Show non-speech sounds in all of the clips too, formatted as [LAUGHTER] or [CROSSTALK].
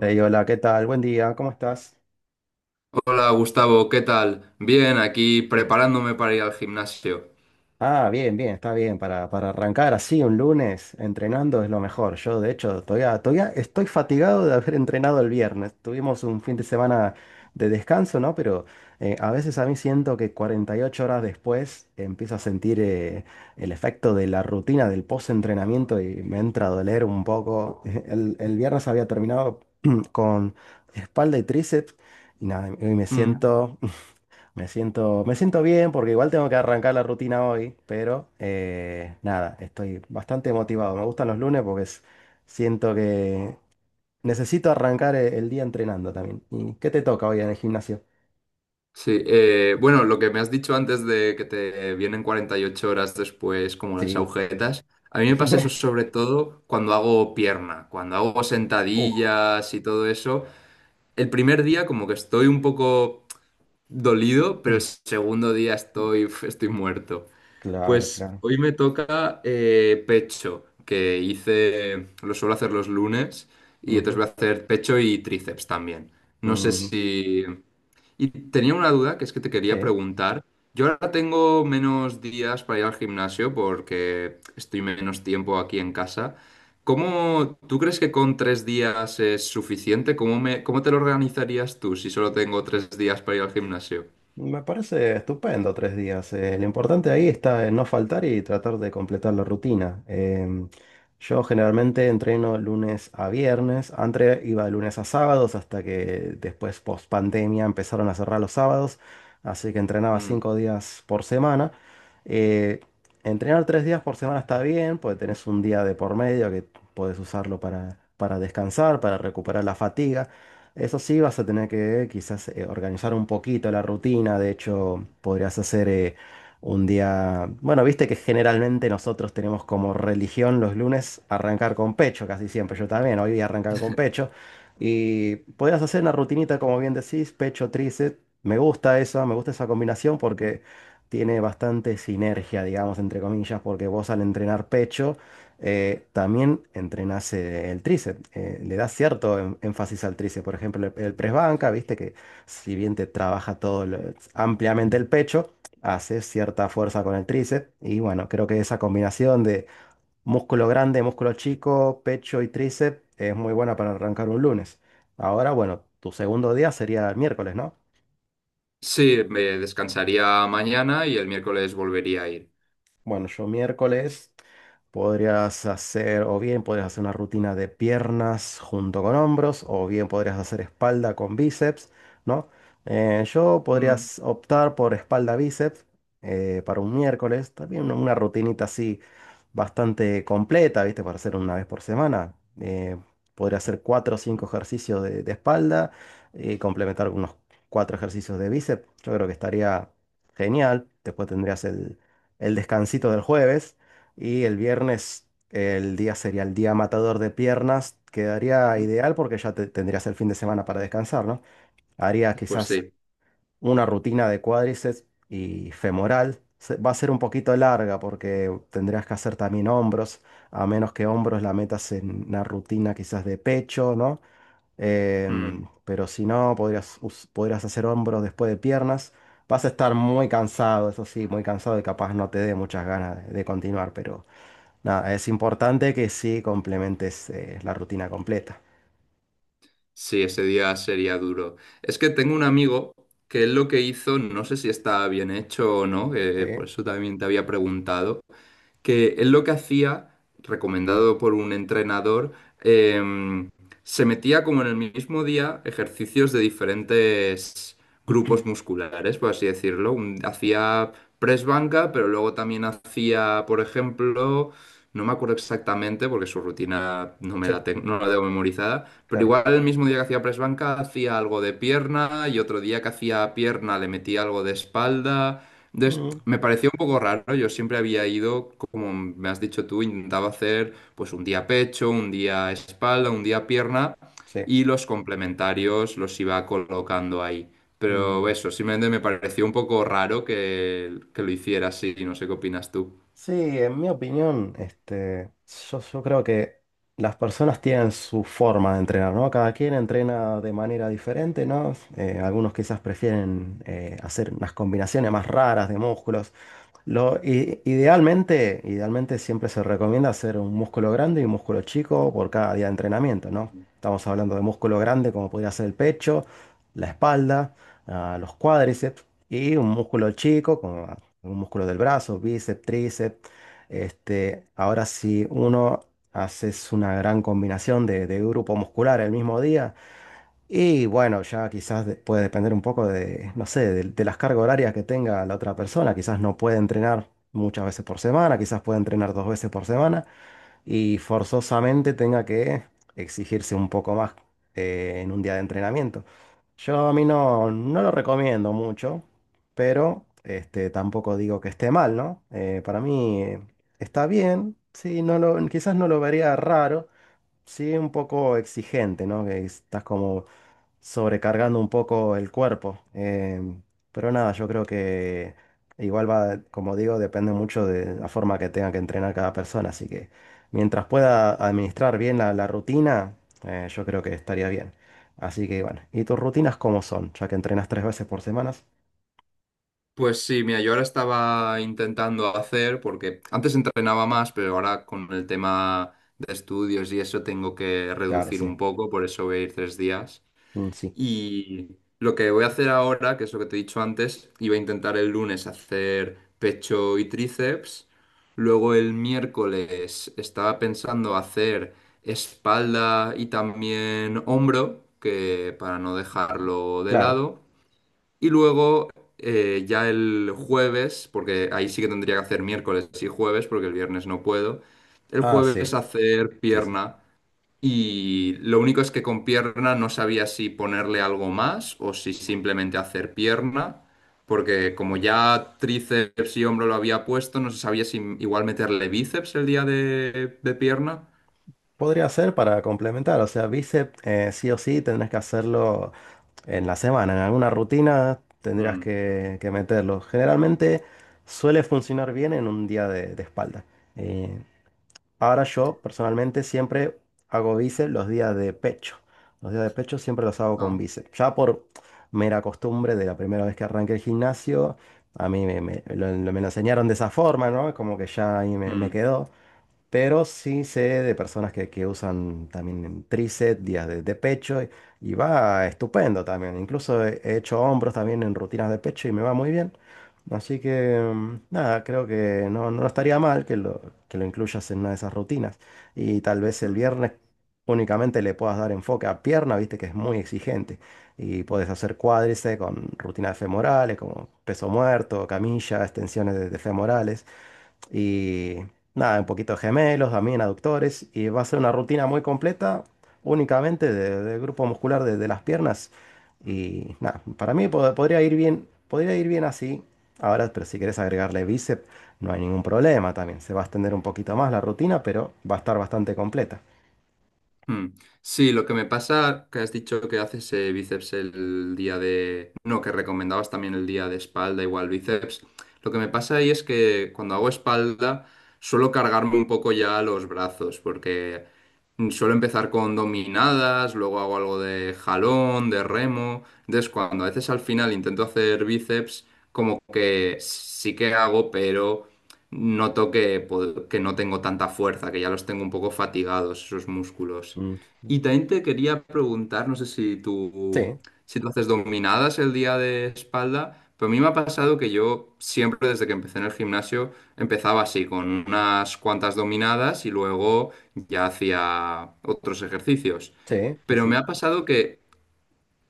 Ey, hola, ¿qué tal? Buen día, ¿cómo estás? Hola Gustavo, ¿qué tal? Bien, aquí preparándome para ir al gimnasio. Ah, bien, bien, está bien. Para arrancar así un lunes entrenando es lo mejor. Yo, de hecho, todavía estoy fatigado de haber entrenado el viernes. Tuvimos un fin de semana de descanso, ¿no? Pero a veces a mí siento que 48 horas después empiezo a sentir el efecto de la rutina del post-entrenamiento y me entra a doler un poco. [LAUGHS] El viernes había terminado [CLEARS THROAT] con espalda y tríceps y nada, hoy me Mm. siento... Me siento, me siento bien porque igual tengo que arrancar la rutina hoy, pero nada, estoy bastante motivado. Me gustan los lunes porque siento que necesito arrancar el día entrenando también. ¿Y qué te toca hoy en el gimnasio? Sí, bueno, lo que me has dicho antes de que te vienen 48 horas después como las Sí. agujetas, a mí me pasa eso [LAUGHS] sobre todo cuando hago pierna, cuando hago Uh, sentadillas y todo eso. El primer día como que estoy un poco dolido, pero el segundo día estoy muerto. Claro, Pues claro. hoy me toca pecho, lo suelo hacer los lunes, y entonces Ujú, voy a hacer pecho y tríceps también. No sé ujú. si... Y tenía una duda que es que te quería Sí. preguntar. Yo ahora tengo menos días para ir al gimnasio porque estoy menos tiempo aquí en casa. ¿Tú crees que con 3 días es suficiente? ¿Cómo te lo organizarías tú si solo tengo 3 días para ir al gimnasio? Me parece estupendo 3 días. Lo importante ahí está en no faltar y tratar de completar la rutina. Yo generalmente entreno lunes a viernes. Antes iba de lunes a sábados hasta que después, post pandemia, empezaron a cerrar los sábados. Así que entrenaba Mm. 5 días por semana. Eh, entrenar 3 días por semana está bien, porque tenés un día de por medio que podés usarlo para descansar, para recuperar la fatiga. Eso sí, vas a tener que quizás organizar un poquito la rutina. De hecho, podrías hacer un día. Bueno, viste que generalmente nosotros tenemos como religión los lunes arrancar con pecho, casi siempre. Yo también, hoy voy a arrancar con pecho. Y podrías hacer una rutinita, como bien decís, pecho, tríceps. Me gusta eso, me gusta esa combinación porque tiene bastante sinergia, digamos, entre comillas, porque vos al entrenar pecho también entrenas el tríceps, le das cierto énfasis al tríceps. Por ejemplo, el press banca, viste que si bien te trabaja ampliamente el pecho, haces cierta fuerza con el tríceps. Y bueno, creo que esa combinación de músculo grande, músculo chico, pecho y tríceps es muy buena para arrancar un lunes. Ahora, bueno, tu segundo día sería el miércoles, ¿no? Sí, me descansaría mañana y el miércoles volvería a ir. Bueno, yo miércoles podrías hacer, o bien podrías hacer una rutina de piernas junto con hombros, o bien podrías hacer espalda con bíceps, ¿no? Yo Mm, podrías optar por espalda-bíceps para un miércoles, también una rutinita así bastante completa, ¿viste? Para hacer una vez por semana. Eh, podría hacer cuatro o cinco ejercicios de espalda y complementar unos cuatro ejercicios de bíceps. Yo creo que estaría genial. Después tendrías el descansito del jueves y el viernes el día sería el día matador de piernas. Quedaría ideal porque ya tendrías el fin de semana para descansar, ¿no? Haría Pues quizás sí. una rutina de cuádriceps y femoral. Va a ser un poquito larga porque tendrías que hacer también hombros, a menos que hombros la metas en una rutina quizás de pecho, ¿no? Mm, Pero si no, podrías hacer hombros después de piernas. Vas a estar muy cansado, eso sí, muy cansado y capaz no te dé muchas ganas de continuar, pero nada, es importante que sí complementes la rutina completa. sí, ese día sería duro. Es que tengo un amigo que él lo que hizo, no sé si está bien hecho o no, por Sí, eso también te había preguntado, que él lo que hacía, recomendado por un entrenador, em, se metía como en el mismo día ejercicios de diferentes grupos [CLEARS THROAT] musculares, por así decirlo. Hacía press banca, pero luego también hacía, por ejemplo, no me acuerdo exactamente porque su rutina sí, no la tengo memorizada, pero claro. igual el mismo día que hacía press banca hacía algo de pierna y otro día que hacía pierna le metía algo de espalda. Entonces, Mm, me parecía un poco raro. Yo siempre había ido, como me has dicho tú, intentaba hacer pues un día pecho, un día espalda, un día pierna sí. y los complementarios los iba colocando ahí. Pero Mm. eso, simplemente me pareció un poco raro que lo hiciera así. No sé qué opinas tú. Sí, en mi opinión, yo creo que las personas tienen su forma de entrenar, ¿no? Cada quien entrena de manera diferente, ¿no? Algunos quizás prefieren hacer unas combinaciones más raras de músculos. Idealmente siempre se recomienda hacer un músculo grande y un músculo chico por cada día de entrenamiento, ¿no? Estamos hablando de músculo grande como podría ser el pecho, la espalda, los cuádriceps y un músculo chico como un músculo del brazo, bíceps, tríceps. Ahora si uno haces una gran combinación de grupo muscular el mismo día, y bueno, ya quizás de- puede depender un poco de, no sé, de las cargas horarias que tenga la otra persona. Quizás no puede entrenar muchas veces por semana, quizás puede entrenar 2 veces por semana y forzosamente tenga que exigirse un poco más en un día de entrenamiento. Yo a mí no, no lo recomiendo mucho, pero tampoco digo que esté mal, ¿no? Para mí está bien, sí, quizás no lo vería raro, sí, un poco exigente, ¿no? Que estás como sobrecargando un poco el cuerpo. Pero nada, yo creo que igual va, como digo, depende mucho de la forma que tenga que entrenar cada persona. Así que mientras pueda administrar bien la rutina, yo creo que estaría bien. Así que bueno, ¿y tus rutinas cómo son? Ya que entrenas 3 veces por semana. Pues sí, mira, yo ahora estaba intentando hacer, porque antes entrenaba más, pero ahora con el tema de estudios y eso tengo que Claro, reducir sí. un poco, por eso voy a ir 3 días. Mm, sí, Y lo que voy a hacer ahora, que es lo que te he dicho antes, iba a intentar el lunes hacer pecho y tríceps. Luego el miércoles estaba pensando hacer espalda y también hombro, que para no dejarlo de claro. lado. Y luego ya el jueves, porque ahí sí que tendría que hacer miércoles y jueves, porque el viernes no puedo. El Ah, sí. jueves hacer Sí, sí. pierna. Y lo único es que con pierna no sabía si ponerle algo más o si simplemente hacer pierna. Porque como ya tríceps y hombro lo había puesto, no se sabía si igual meterle bíceps el día de pierna. Podría ser para complementar, o sea, bíceps sí o sí tendrás que hacerlo en la semana, en alguna rutina tendrías Mm, que meterlo. Generalmente suele funcionar bien en un día de espalda. Eh, ahora yo personalmente siempre hago bíceps los días de pecho. Los días de pecho siempre los hago con no. bíceps. Ya por mera costumbre de la primera vez que arranqué el gimnasio, a mí me lo enseñaron de esa forma, ¿no? Como que ya ahí me Mm, quedó. Pero sí sé de personas que usan también tríceps, días de pecho y va estupendo también. Incluso he hecho hombros también en rutinas de pecho y me va muy bien. Así que nada, creo que no, no estaría mal que lo incluyas en una de esas rutinas. Y tal vez el mm. viernes únicamente le puedas dar enfoque a pierna, viste que es muy exigente. Y puedes hacer cuádriceps con rutinas femorales como peso muerto, camilla, extensiones de femorales. Y nada, un poquito de gemelos, también aductores. Y va a ser una rutina muy completa, únicamente de grupo muscular de las piernas. Y nada, para mí podría ir bien así. Ahora, pero si quieres agregarle bíceps, no hay ningún problema también. Se va a extender un poquito más la rutina, pero va a estar bastante completa. Mm. Sí, lo que me pasa, que has dicho que haces bíceps el día de... No, que recomendabas también el día de espalda, igual bíceps. Lo que me pasa ahí es que cuando hago espalda suelo cargarme un poco ya los brazos, porque suelo empezar con dominadas, luego hago algo de jalón, de remo. Entonces, cuando a veces al final intento hacer bíceps, como que sí que hago, pero noto que no tengo tanta fuerza, que ya los tengo un poco fatigados, esos músculos. Mm, Y también te quería preguntar, no sé si tú, sí, si tú haces dominadas el día de espalda, pero a mí me ha pasado que yo siempre desde que empecé en el gimnasio empezaba así, con unas cuantas dominadas y luego ya hacía otros ejercicios. sí, sí, Pero me sí. ha pasado que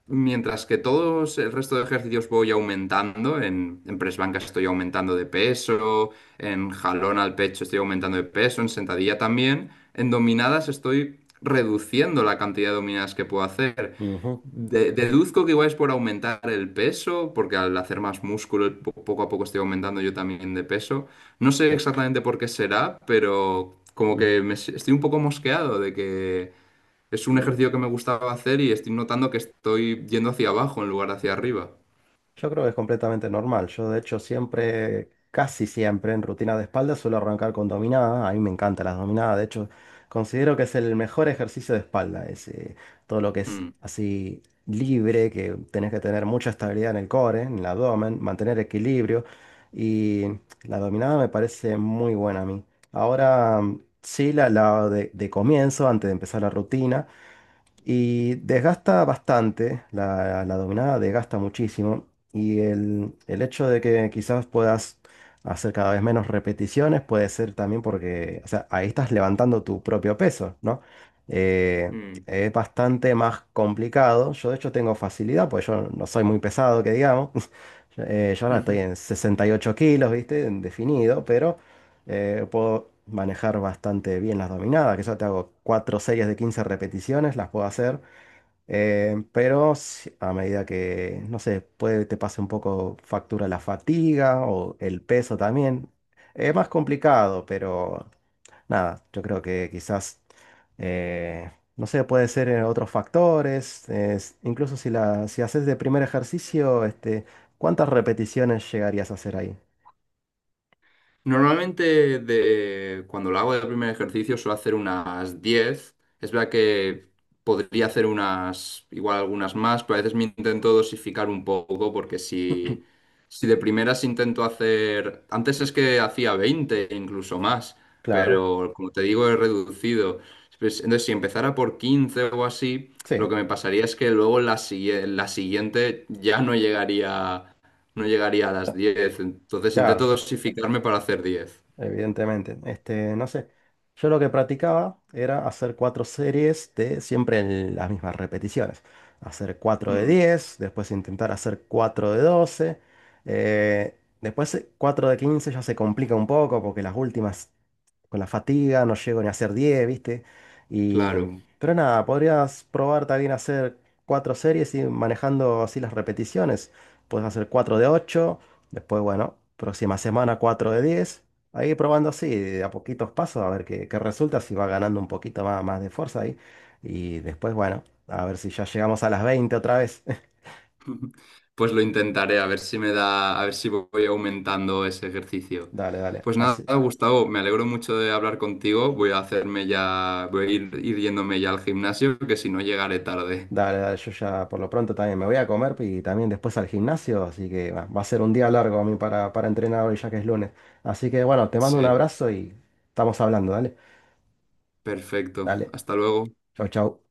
mientras que todos el resto de ejercicios voy aumentando, en press banca estoy aumentando de peso, en jalón al pecho estoy aumentando de peso, en sentadilla también, en dominadas estoy reduciendo la cantidad de dominadas que puedo hacer. Ujú, Deduzco que igual es por aumentar el peso, porque al hacer más músculo poco a poco estoy aumentando yo también de peso. No sé sí. exactamente por qué será, pero como Ujú, que estoy un poco mosqueado de que es un mm. ejercicio que me gustaba hacer y estoy notando que estoy yendo hacia abajo en lugar de hacia arriba. Yo creo que es completamente normal. Yo, de hecho, siempre, casi siempre, en rutina de espalda suelo arrancar con dominada. A mí me encantan las dominadas. De hecho, considero que es el mejor ejercicio de espalda. Todo lo que es Mm, así libre, que tenés que tener mucha estabilidad en el core, en el abdomen, mantener equilibrio. Y la dominada me parece muy buena a mí. Ahora, sí, la de comienzo, antes de empezar la rutina. Y desgasta bastante, la dominada desgasta muchísimo. Y el hecho de que quizás puedas hacer cada vez menos repeticiones puede ser también porque, o sea, ahí estás levantando tu propio peso, ¿no? Eh, mm. es bastante más complicado. Yo de hecho tengo facilidad, pues yo no soy muy pesado, que digamos. [LAUGHS] Yo ahora estoy en [LAUGHS] 68 kilos, ¿viste? En Definido, pero puedo manejar bastante bien las dominadas, que yo te hago cuatro series de 15 repeticiones, las puedo hacer, pero a medida que, no sé, puede te pase un poco factura la fatiga o el peso también. Es más complicado, pero nada, yo creo que quizás, no sé, puede ser otros factores, incluso si, si haces de primer ejercicio, ¿cuántas repeticiones llegarías a hacer ahí? Normalmente cuando lo hago de primer ejercicio suelo hacer unas 10. Es verdad que podría hacer igual algunas más, pero a veces me intento dosificar un poco porque si de primeras intento hacer... Antes es que hacía 20 incluso más, Claro, pero como te digo he reducido. Pues, entonces si empezara por 15 o así, lo sí, que me pasaría es que luego la siguiente ya no llegaría, no llegaría a las 10. Entonces intento claro. dosificarme para hacer 10. Evidentemente, no sé. Yo lo que practicaba era hacer cuatro series de siempre en las mismas repeticiones. Hacer cuatro de Mm. 10, después intentar hacer cuatro de 12, después cuatro de 15 ya se complica un poco porque las últimas con la fatiga, no llego ni a hacer 10, ¿viste? Claro, Y, pero nada, podrías probar también hacer cuatro series y manejando así las repeticiones. Puedes hacer 4 de ocho, después, bueno, próxima semana 4 de 10. Ahí probando así, de a poquitos pasos, a ver qué resulta, si va ganando un poquito más, más de fuerza ahí. Y después, bueno, a ver si ya llegamos a las 20 otra vez. [LAUGHS] pues lo intentaré, a ver si me da, a ver si voy aumentando ese ejercicio. Dale, dale. Pues nada, Así. Gustavo, me alegro mucho de hablar contigo. Voy a hacerme ya, ir yéndome ya al gimnasio, que si no llegaré tarde. Dale, dale, yo ya por lo pronto también me voy a comer y también después al gimnasio, así que va a ser un día largo a mí para entrenar hoy ya que es lunes. Así que bueno, te mando un Sí, abrazo y estamos hablando, dale. perfecto. Dale, Hasta luego. chau, chau.